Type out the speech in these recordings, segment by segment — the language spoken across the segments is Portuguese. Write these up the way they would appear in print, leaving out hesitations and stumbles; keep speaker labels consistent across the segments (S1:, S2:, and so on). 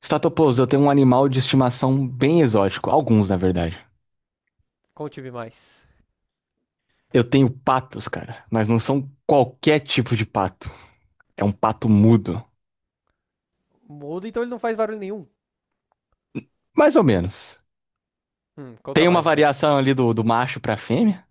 S1: Statopoulos, eu tenho um animal de estimação bem exótico, alguns na verdade.
S2: Conte-me mais.
S1: Eu tenho patos, cara, mas não são qualquer tipo de pato. É um pato mudo,
S2: Muda, então ele não faz barulho nenhum.
S1: mais ou menos. Tem
S2: Conta
S1: uma
S2: mais então.
S1: variação ali do macho pra fêmea.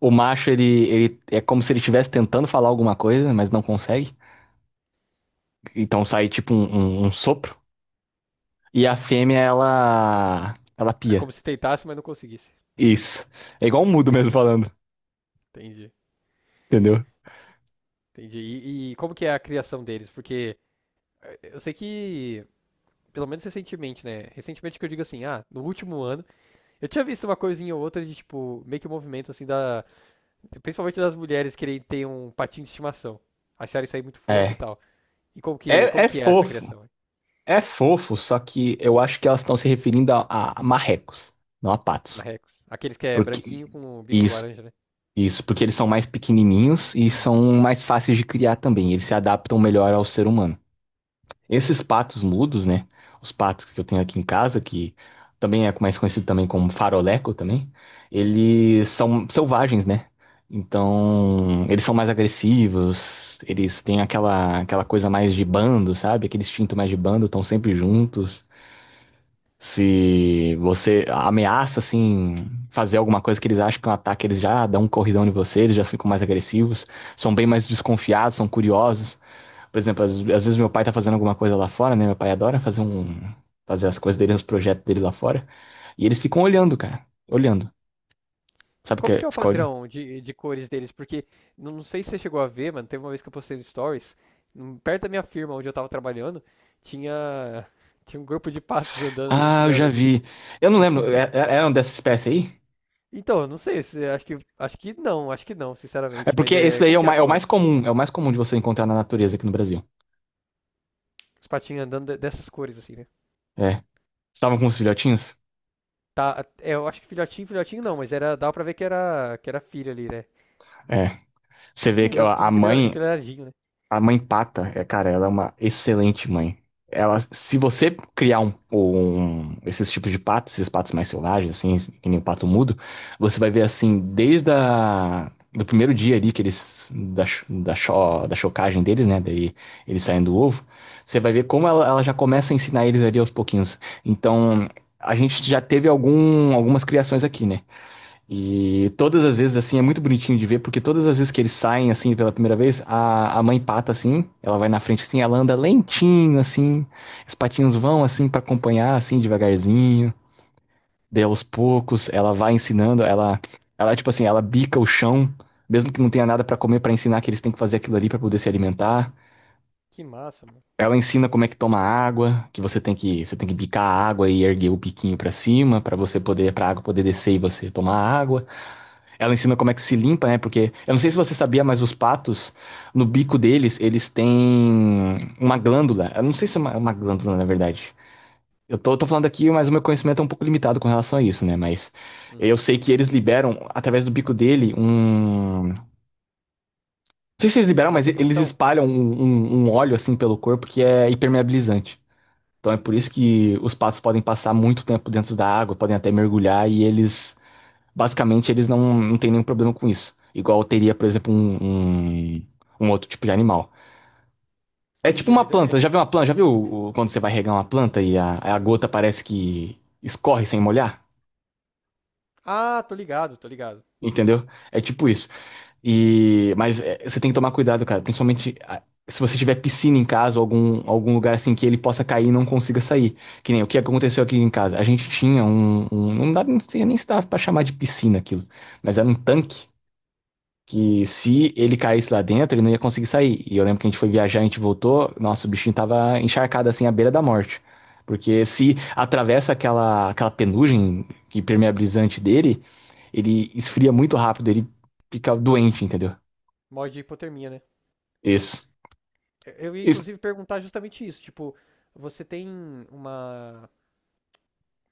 S1: O macho, ele é como se ele estivesse tentando falar alguma coisa, mas não consegue. Então sai tipo um sopro. E a fêmea, ela. Ela
S2: É como
S1: pia.
S2: se tentasse, mas não conseguisse.
S1: Isso. É igual um mudo mesmo falando,
S2: Entendi,
S1: entendeu?
S2: entendi. E como que é a criação deles? Porque eu sei que, pelo menos recentemente, né? Recentemente que eu digo assim, ah, no último ano, eu tinha visto uma coisinha ou outra de, tipo, meio que um movimento assim da. Principalmente das mulheres querem ter um patinho de estimação. Acharem isso aí muito fofo e
S1: É.
S2: tal. E
S1: É,
S2: como
S1: é
S2: que é essa
S1: fofo.
S2: criação? Hein?
S1: É fofo, só que eu acho que elas estão se referindo a marrecos, não a
S2: Na
S1: patos.
S2: Rex. Aqueles que é
S1: Porque
S2: branquinho com o bico
S1: isso,
S2: laranja, né?
S1: isso, porque eles são mais pequenininhos e são mais fáceis de criar também. Eles se adaptam melhor ao ser humano. Esses patos mudos, né? Os patos que eu tenho aqui em casa, que também é mais conhecido também como faroleco também, eles são selvagens, né? Então, eles são mais agressivos, eles têm aquela coisa mais de bando, sabe? Aquele instinto mais de bando, estão sempre juntos. Se você ameaça, assim, fazer alguma coisa que eles acham que é um ataque, eles já dão um corridão em você, eles já ficam mais agressivos, são bem mais desconfiados, são curiosos. Por exemplo, às vezes meu pai tá fazendo alguma coisa lá fora, né? Meu pai adora fazer as coisas dele, os projetos dele lá fora. E eles ficam olhando, cara. Olhando. Sabe o que
S2: Como que
S1: é
S2: é o
S1: ficar olhando?
S2: padrão de cores deles? Porque não sei se você chegou a ver, mano. Teve uma vez que eu postei no Stories, perto da minha firma onde eu tava trabalhando, tinha, tinha um grupo de patos andando, um
S1: Ah,
S2: que
S1: eu já
S2: era de-
S1: vi. Eu não lembro. Era um dessa espécie aí?
S2: Então, eu não sei, se- acho que não,
S1: É
S2: sinceramente.
S1: porque
S2: Mas
S1: esse
S2: é,
S1: daí
S2: como que é a
S1: é o
S2: cor?
S1: mais comum. É o mais comum de você encontrar na natureza aqui no Brasil.
S2: Os patinhos andando de- dessas cores, assim, né?
S1: É. Estavam com os filhotinhos?
S2: Tá, é, eu acho que filhotinho, filhotinho não, mas era, dava pra ver que era filho ali, né?
S1: É. Você
S2: E
S1: vê
S2: eles
S1: que ó,
S2: andam tudo enfile- enfileiradinho, né?
S1: a mãe Pata, é, cara, ela é uma excelente mãe. Ela, se você criar esses tipos de patos, esses patos mais selvagens, assim, que nem o pato mudo, você vai ver assim, desde do primeiro dia ali que eles da chocagem deles, né, daí eles saem do ovo, você vai ver como ela já começa a ensinar eles ali aos pouquinhos. Então, a gente já teve algumas criações aqui, né? E todas as vezes, assim, é muito bonitinho de ver, porque todas as vezes que eles saem, assim, pela primeira vez, a mãe pata, assim, ela vai na frente, assim, ela anda lentinho, assim, os patinhos vão, assim, pra acompanhar, assim, devagarzinho, daí aos poucos, ela vai ensinando, ela, tipo assim, ela bica o chão, mesmo que não tenha nada pra comer, pra ensinar que eles têm que fazer aquilo ali pra poder se alimentar.
S2: Que massa, mano.
S1: Ela ensina como é que toma água, que você tem que bicar a água e erguer o biquinho pra cima, pra você poder, pra água poder descer e você tomar água. Ela ensina como é que se limpa, né? Porque eu não sei se você sabia, mas os patos, no bico deles, eles têm uma glândula. Eu não sei se é uma glândula, na verdade. Eu tô falando aqui, mas o meu conhecimento é um pouco limitado com relação a isso, né? Mas eu
S2: Uhum.
S1: sei que eles liberam, através do bico dele. Não sei se eles liberam,
S2: Uma
S1: mas eles
S2: secreção?
S1: espalham um óleo assim pelo corpo que é impermeabilizante. Então é por isso que os patos podem passar muito tempo dentro da água, podem até mergulhar e eles. Basicamente, eles não têm nenhum problema com isso. Igual teria, por exemplo, um outro tipo de animal. É tipo
S2: Entendi,
S1: uma
S2: mas é.
S1: planta. Já viu uma planta? Já viu quando você vai regar uma planta e a gota parece que escorre sem molhar?
S2: Ah, tô ligado, tô ligado.
S1: Entendeu? É tipo isso. E, mas é, você tem que tomar cuidado, cara. Principalmente se você tiver piscina em casa ou algum lugar assim que ele possa cair e não consiga sair. Que nem o que aconteceu aqui em casa. A gente tinha um, não dá, não sei nem se dá pra chamar de piscina aquilo. Mas era um tanque que se ele caísse lá dentro, ele não ia conseguir sair. E eu lembro que a gente foi viajar, a gente voltou, nossa, o bichinho tava encharcado assim à beira da morte. Porque se atravessa aquela penugem que permeabilizante dele, ele esfria muito rápido, ele fica doente, entendeu?
S2: Mod de hipotermia, né?
S1: Isso.
S2: Eu ia
S1: Isso.
S2: inclusive perguntar justamente isso, tipo, você tem uma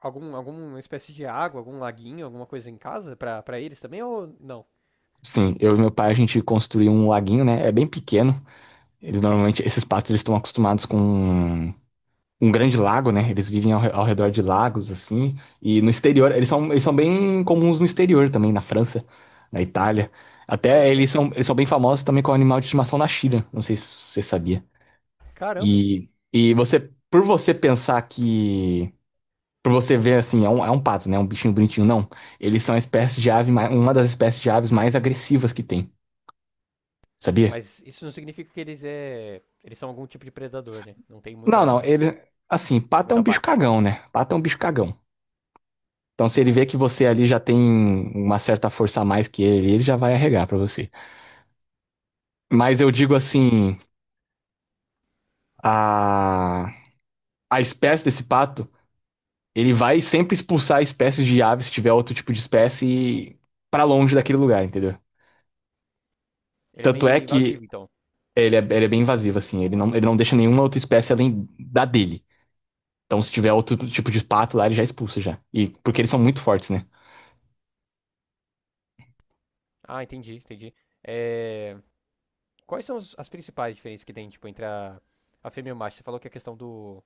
S2: algum alguma espécie de água, algum laguinho, alguma coisa em casa pra para eles também ou não?
S1: Sim, eu e meu pai a gente construiu um laguinho, né? É bem pequeno. Eles normalmente, esses patos, eles estão acostumados com um grande lago, né? Eles vivem ao redor de lagos, assim. E no exterior, eles são bem comuns no exterior também, na França, na Itália.
S2: Olha
S1: Até
S2: só.
S1: eles são bem famosos também com animal de estimação na China. Não sei se você sabia.
S2: Caramba.
S1: E você, por você pensar que. Por você ver assim, é um, pato, né? Um bichinho bonitinho, não. Eles são a espécie de ave, uma das espécies de aves mais agressivas que tem, sabia?
S2: Mas isso não significa que eles são algum tipo de predador, né? Não tem
S1: Não, não,
S2: muita
S1: ele. Assim, pato é um
S2: muita
S1: bicho
S2: bate.
S1: cagão, né? Pato é um bicho cagão. Então, se ele vê que você ali já tem uma certa força a mais que ele já vai arregar pra você. Mas eu digo
S2: Entendi.
S1: assim, a a espécie desse pato, ele vai sempre expulsar espécies de ave se tiver outro tipo de espécie pra longe daquele lugar, entendeu?
S2: Ele é
S1: Tanto
S2: meio
S1: é que
S2: invasivo, então.
S1: ele é bem invasivo assim, ele não deixa nenhuma outra espécie além da dele. Então, se tiver outro tipo de pato lá, ele já expulsa já. E porque eles são muito fortes, né?
S2: Ah, entendi, entendi. É, quais são os- as principais diferenças que tem, tipo, entre a fêmea e o macho? Você falou que a questão do,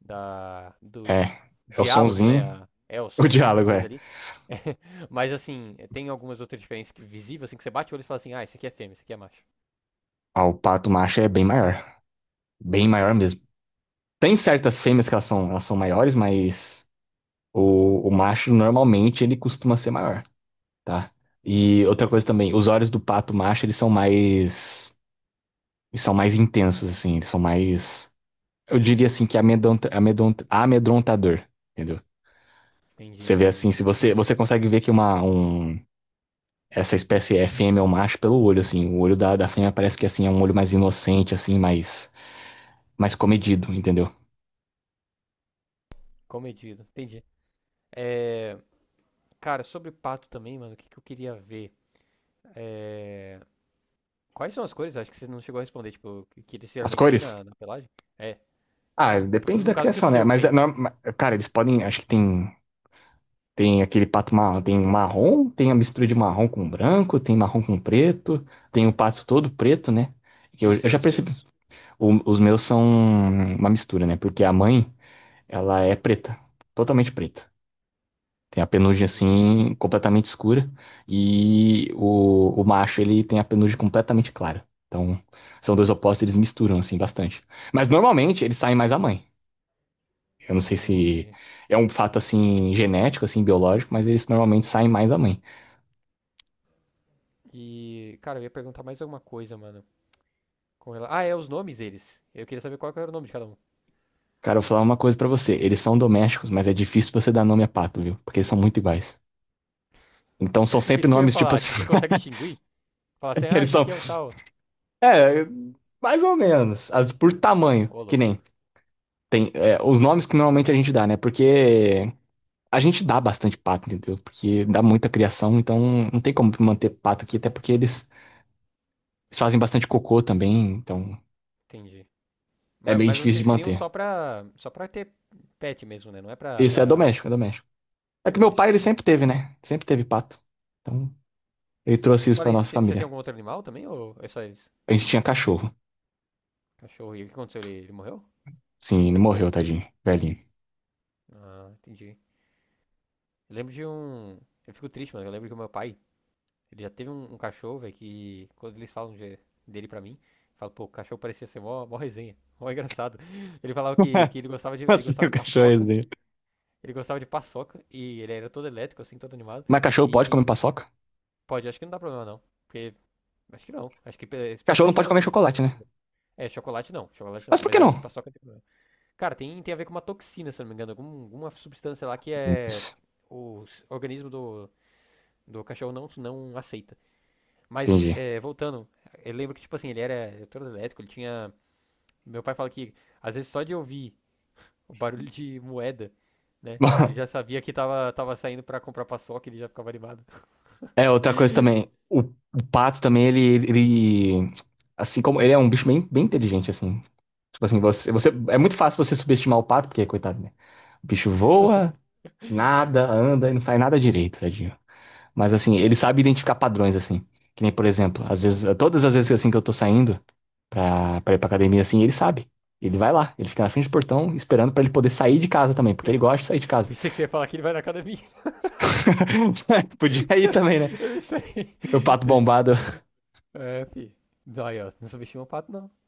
S2: da, do
S1: É, é o
S2: diálogo, né?
S1: sonzinho,
S2: A- é o
S1: o
S2: som que ele
S1: diálogo
S2: produz
S1: é.
S2: ali. Mas assim, tem algumas outras diferenças que visível, assim, que você bate o olho e fala assim, ah, esse aqui é fêmea, esse aqui é macho.
S1: Ah, o pato macho é bem maior mesmo. Tem certas fêmeas que elas são maiores, mas o macho normalmente ele costuma ser maior, tá? E outra coisa também, os olhos do pato macho eles são mais intensos, assim, eu diria assim que amedrontador, entendeu?
S2: Entendi,
S1: Você vê
S2: entendi.
S1: assim, se você consegue ver que essa espécie é fêmea ou macho pelo olho, assim, o olho da fêmea parece que assim é um olho mais inocente, assim, mais comedido, entendeu?
S2: Comedido, entendi. É, cara, sobre pato também, mano, o que, que eu queria ver? É, quais são as cores? Acho que você não chegou a responder, tipo, que eles
S1: As
S2: geralmente têm
S1: cores?
S2: na, na pelagem? É,
S1: Ah, depende da
S2: no caso que o
S1: criação, né?
S2: seu
S1: Mas,
S2: tem.
S1: não- ma- cara, eles podem. Acho que tem aquele pato marrom, tem a mistura de marrom com branco, tem marrom com preto, tem o pato todo preto, né? Que
S2: E o
S1: eu
S2: seu,
S1: já
S2: e os seus.
S1: percebi. Os meus são uma mistura, né? Porque a mãe, ela é preta, totalmente preta. Tem a penugem
S2: Entendi,
S1: assim, completamente escura, e o macho, ele tem a penugem completamente clara. Então, são dois opostos, eles misturam assim bastante. Mas normalmente eles saem mais a mãe. Eu não sei se
S2: entendi.
S1: é um fato assim genético, assim biológico, mas eles normalmente saem mais da mãe.
S2: E, cara, eu ia perguntar mais alguma coisa, mano. Com rela- Ah, é os nomes deles. Eu queria saber qual que era o nome de cada um.
S1: Cara, eu vou falar uma coisa pra você. Eles são domésticos, mas é difícil você dar nome a pato, viu? Porque eles são muito iguais. Então são sempre
S2: Isso que eu ia
S1: nomes tipo
S2: falar,
S1: assim.
S2: tipo, você consegue distinguir? Falar assim, ah,
S1: Eles
S2: esse
S1: são,
S2: aqui é o tal.
S1: é, mais ou menos, por tamanho,
S2: Ô,
S1: que nem
S2: louco.
S1: tem os nomes que normalmente a gente dá, né? Porque a gente dá bastante pato, entendeu? Porque dá muita criação, então não tem como manter pato aqui, até porque eles fazem bastante cocô também, então
S2: Entendi.
S1: é
S2: Ma-
S1: meio
S2: Mas,
S1: difícil
S2: vocês
S1: de
S2: criam
S1: manter.
S2: só pra ter pet mesmo, né? Não é pra,
S1: Isso é
S2: pra
S1: doméstico, é doméstico. É que meu
S2: doméstico,
S1: pai, ele sempre
S2: entendi.
S1: teve, né? Sempre teve pato. Então, ele
S2: E
S1: trouxe isso
S2: fora
S1: pra
S2: isso,
S1: nossa
S2: te- você tem
S1: família.
S2: algum outro animal também? Ou é só esse
S1: A gente tinha cachorro.
S2: cachorro? E o que aconteceu? Ele morreu?
S1: Sim, ele morreu, tadinho. Velhinho.
S2: Ah, entendi. Eu lembro de um... Eu fico triste, mano. Eu lembro que o meu pai, ele já teve um, um cachorro, velho, que quando eles falam de- dele pra mim, eu falo, pô, o cachorro parecia ser mó, mó resenha. Mó engraçado. Ele falava que ele
S1: Assim,
S2: gostava
S1: o
S2: de
S1: cachorro é
S2: paçoca.
S1: dele.
S2: Ele gostava de paçoca e ele era todo elétrico, assim, todo animado.
S1: Mas cachorro pode comer
S2: E
S1: paçoca?
S2: pode, acho que não dá problema não. Porque, acho que não. Acho que pe-
S1: Cachorro
S2: especialmente
S1: não pode comer
S2: aquelas.
S1: chocolate, né?
S2: É, chocolate não, chocolate não.
S1: Mas por
S2: Mas
S1: que
S2: acho que
S1: não?
S2: paçoca tem problema. Cara, tem, tem a ver com uma toxina, se eu não me engano. Algum, alguma substância lá que é.
S1: Isso,
S2: O s- organismo do, do cachorro não, não aceita. Mas,
S1: entendi.
S2: é, voltando, eu lembro que, tipo assim, ele era todo elétrico, ele tinha. Meu pai fala que, às vezes, só de ouvir. O barulho de moeda, né? Ele já sabia que tava, tava saindo pra comprar paçoca, ele já ficava animado.
S1: É, outra coisa também. O pato também, ele, ele. Assim como. Ele é um bicho bem, bem inteligente, assim. Tipo assim, você, você. É muito fácil você subestimar o pato, porque, coitado, né? O bicho voa, nada, anda e não faz nada direito, tadinho. Mas assim, ele sabe identificar padrões, assim. Que nem, por exemplo, às vezes, todas as vezes assim que eu tô saindo pra ir pra academia, assim, ele sabe. Ele vai lá, ele fica na frente do portão esperando pra ele poder sair de casa também, porque ele gosta de sair de casa.
S2: Pensei que você ia falar que ele vai na academia.
S1: Podia ir também, né?
S2: Eu não sei.
S1: Meu pato
S2: Entendi.
S1: bombado
S2: É, fi. Não, aí, ó, não subestima o pato, não.